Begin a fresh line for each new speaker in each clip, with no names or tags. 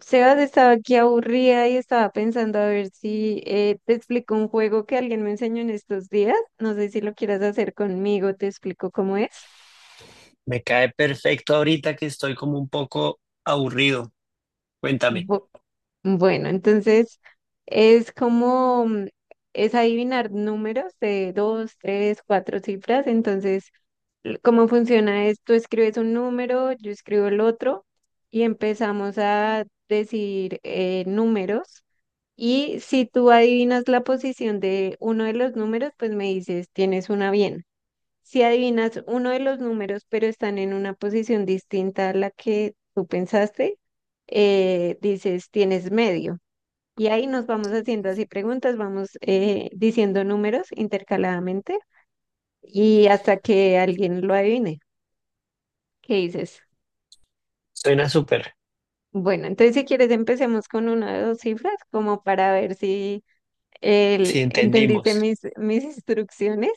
Sebas estaba aquí aburrida y estaba pensando a ver si te explico un juego que alguien me enseñó en estos días. No sé si lo quieras hacer conmigo, te explico cómo es.
Me cae perfecto ahorita que estoy como un poco aburrido. Cuéntame.
Bu- bueno, entonces es como, es adivinar números de dos, tres, cuatro cifras. Entonces, ¿cómo funciona esto? Escribes un número, yo escribo el otro y empezamos a decir números. Y si tú adivinas la posición de uno de los números, pues me dices, tienes una bien. Si adivinas uno de los números, pero están en una posición distinta a la que tú pensaste, dices, tienes medio. Y ahí nos vamos haciendo así preguntas, vamos diciendo números intercaladamente y hasta que alguien lo adivine. ¿Qué dices?
Suena súper.
Bueno, entonces si quieres empecemos con una de dos cifras como para ver si
Si
entendiste
entendimos.
mis instrucciones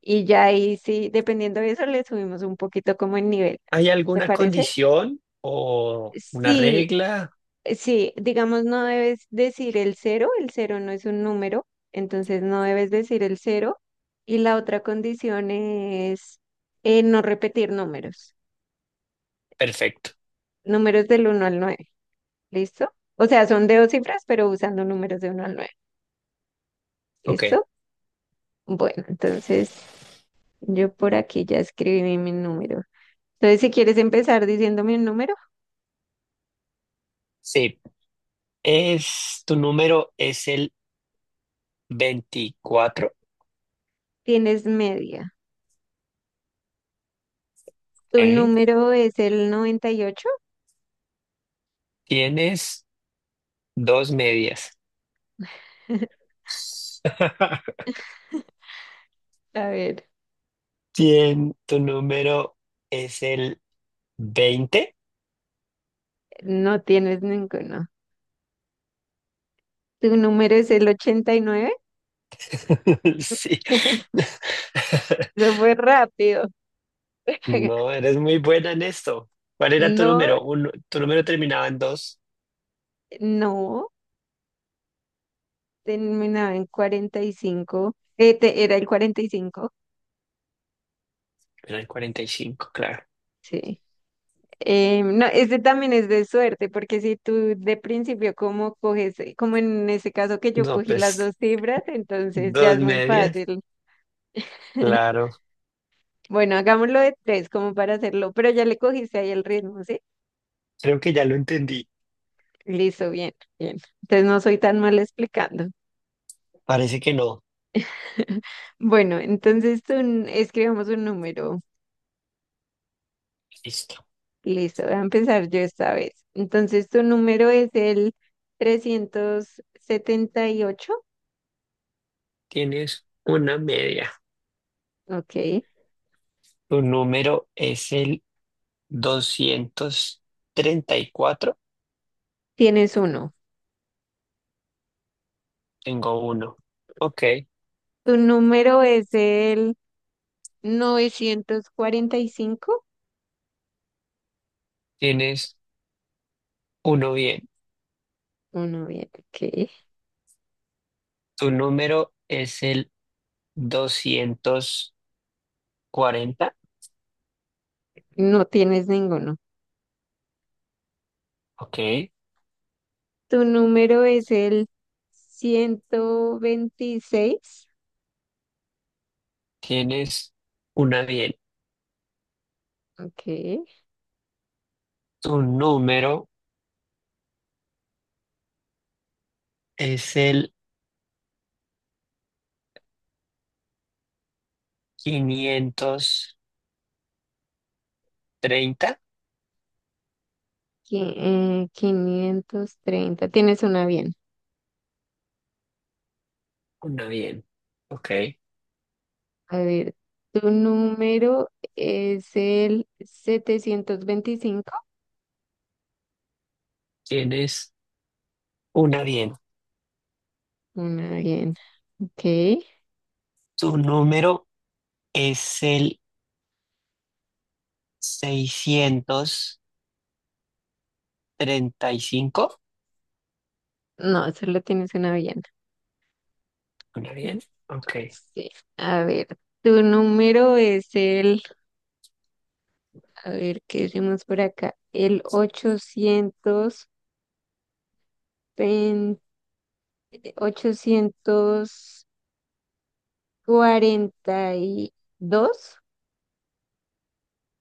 y ya ahí sí, dependiendo de eso, le subimos un poquito como el nivel.
¿Hay
¿Te
alguna
parece?
condición o una
Sí,
regla?
sí, digamos, no debes decir el cero no es un número, entonces no debes decir el cero. Y la otra condición es no repetir números,
Perfecto.
números del uno al nueve. ¿Listo? O sea, son de dos cifras, pero usando números de uno al nueve.
Ok.
¿Listo? Bueno, entonces yo por aquí ya escribí mi número. Entonces, si quieres empezar diciéndome un número,
Sí. Tu número es el 24.
tienes media. Tu
¿Eh?
número es el 98.
Tienes dos medias.
A ver,
Tu número es el 20.
no tienes ninguno. Tu número es el 89.
Sí.
Lo fue rápido.
No, eres muy buena en esto. ¿Cuál era tu
No,
número? Uno, tu número terminaba en dos.
no, terminaba en 45. ¿Era el 45?
Era el 45, claro.
Sí. No, este también es de suerte, porque si tú de principio como coges, como en ese caso que yo
No,
cogí las
pues
dos cifras, entonces ya
dos
es muy
medias,
fácil.
claro.
Bueno, hagámoslo de tres como para hacerlo, pero ya le cogiste ahí el ritmo, ¿sí?
Creo que ya lo entendí.
Listo, bien, bien. Entonces no soy tan mal explicando.
Parece que no.
Bueno, entonces tú escribamos un número.
Listo.
Listo, voy a empezar yo esta vez. Entonces tu número es el 378.
Tienes una media.
Ok,
Tu número es el 234.
tienes uno.
Tengo uno. Ok.
Tu número es el 945.
Tienes uno bien.
Uno, bien, ok.
Tu número es el 240.
No tienes ninguno.
Ok.
Tu número es el 126.
Tienes una bien.
Ok.
Tu número es el 530.
530. Tienes una bien.
Una bien. Ok.
A ver, tu número es el 725.
Tienes una bien.
Una bien. Ok.
Tu número es el 635.
No, solo tienes una bien.
Una bien. Ok.
Ah, sí. A ver, tu número es el... A ver, ¿qué decimos por acá? El ochocientos pen- 842.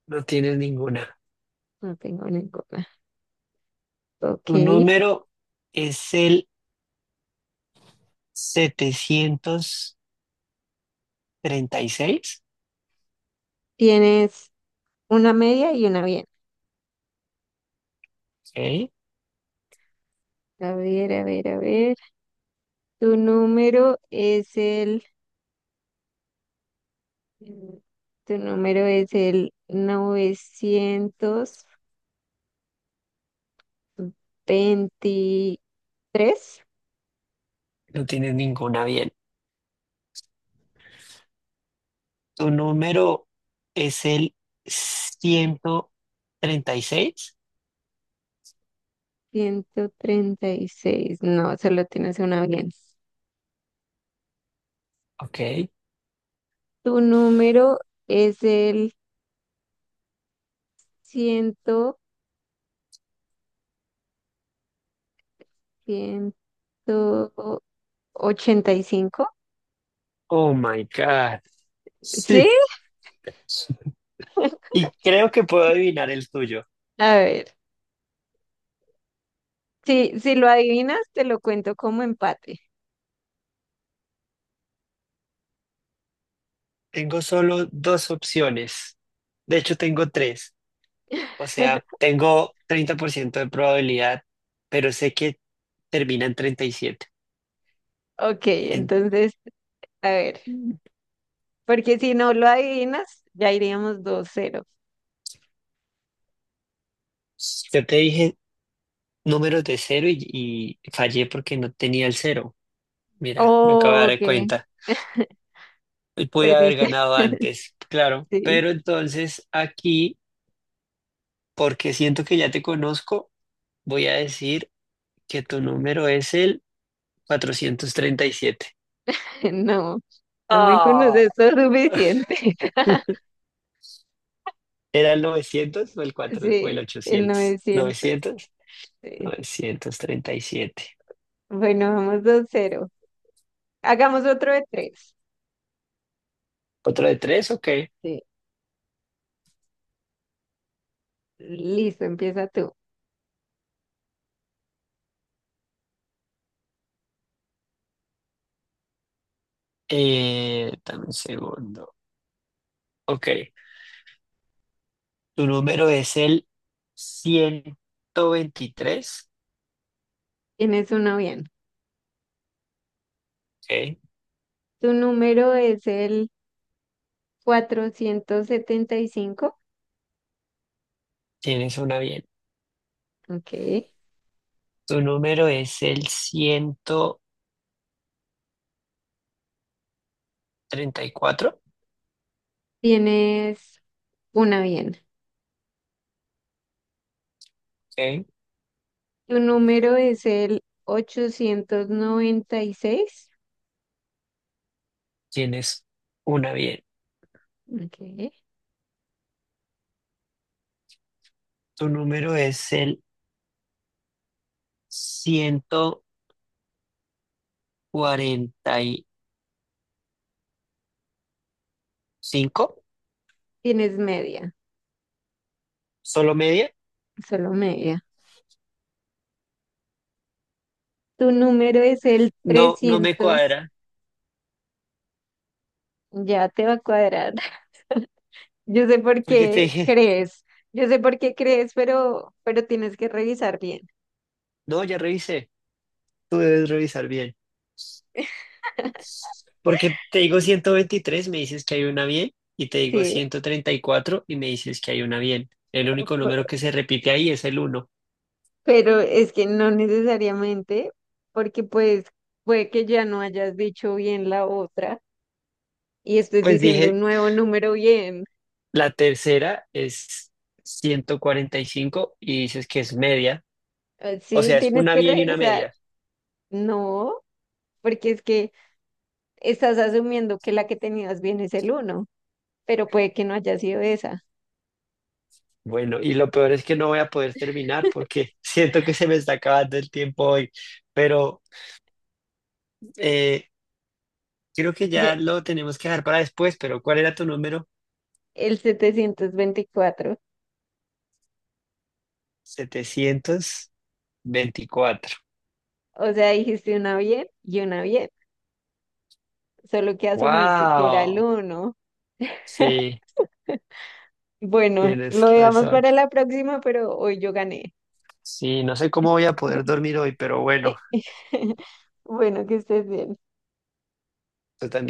No tienes ninguna.
No tengo ninguna. Ok.
Tu número es el 736.
Tienes una media y una bien.
Ok.
A ver, a ver, a ver. Tu número es el... Tu número es el 923.
No tienes ninguna bien. Tu número es el 136.
136. No, solo tienes una bien.
Ok.
Tu número es el ciento, ciento ochenta y cinco.
Oh my God.
¿Sí?
Sí. Y creo que puedo adivinar el tuyo.
A ver. Si, si lo adivinas, te lo cuento como empate.
Tengo solo dos opciones. De hecho, tengo tres. O sea, tengo 30% de probabilidad, pero sé que termina en 37.
Ok,
En-
entonces, a ver. Porque si no lo adivinas, ya iríamos 2-0.
Yo te dije números de cero y fallé porque no tenía el cero. Mira, me acabo de
Oh,
dar
ok.
cuenta. Y pude haber
Perdiste.
ganado antes, claro.
Sí.
Pero entonces aquí, porque siento que ya te conozco, voy a decir que tu número es el 437.
No, no me
Ah,
conoces lo suficiente.
¿Era el 900 o el 4 o el
Sí, el
800?
900.
¿Novecientos?
Sí.
937.
Bueno, vamos 2-0. Hagamos otro de tres.
¿Otro de tres? Ok.
Sí. Listo, empieza tú.
Dame un segundo. Ok. Tu número es el 123.
Tienes uno bien.
Ok.
Tu número es el 475.
Tienes una bien.
Ok.
Tu número es el 134.
Tienes una bien.
Ok.
Tu número es el 896.
Tienes una bien.
Ok.
Tu número es el 145.
Tienes media,
Solo media.
solo media. Tu número es el
No, no me
trescientos.
cuadra,
Ya te va a cuadrar. Yo sé por
porque te
qué
dije,
crees. Yo sé por qué crees, pero tienes que revisar bien.
no, ya revisé, tú debes revisar bien. Porque te digo 123 me dices que hay una bien, y te digo
Sí.
134 y me dices que hay una bien. El único número que se repite ahí es el uno.
Pero es que no necesariamente, porque pues puede que ya no hayas dicho bien la otra y estés
Pues
diciendo
dije,
un nuevo número bien.
la tercera es 145 y dices que es media, o
Sí,
sea, es
tienes
una
que
bien y una
revisar.
media.
No, porque es que estás asumiendo que la que tenías bien es el uno, pero puede que no haya sido esa.
Bueno, y lo peor es que no voy a poder terminar porque siento que se me está acabando el tiempo hoy, pero eh, creo que
Ya,
ya lo tenemos que dejar para después, pero ¿cuál era tu número?
el 724.
724.
O sea, dijiste una bien y una bien, solo que asumiste que era el
¡Wow!
uno.
Sí,
Bueno,
tienes
lo dejamos
razón.
para la próxima, pero hoy yo gané.
Sí, no sé cómo voy a poder dormir hoy, pero bueno,
Bueno, que estés bien.
tú también.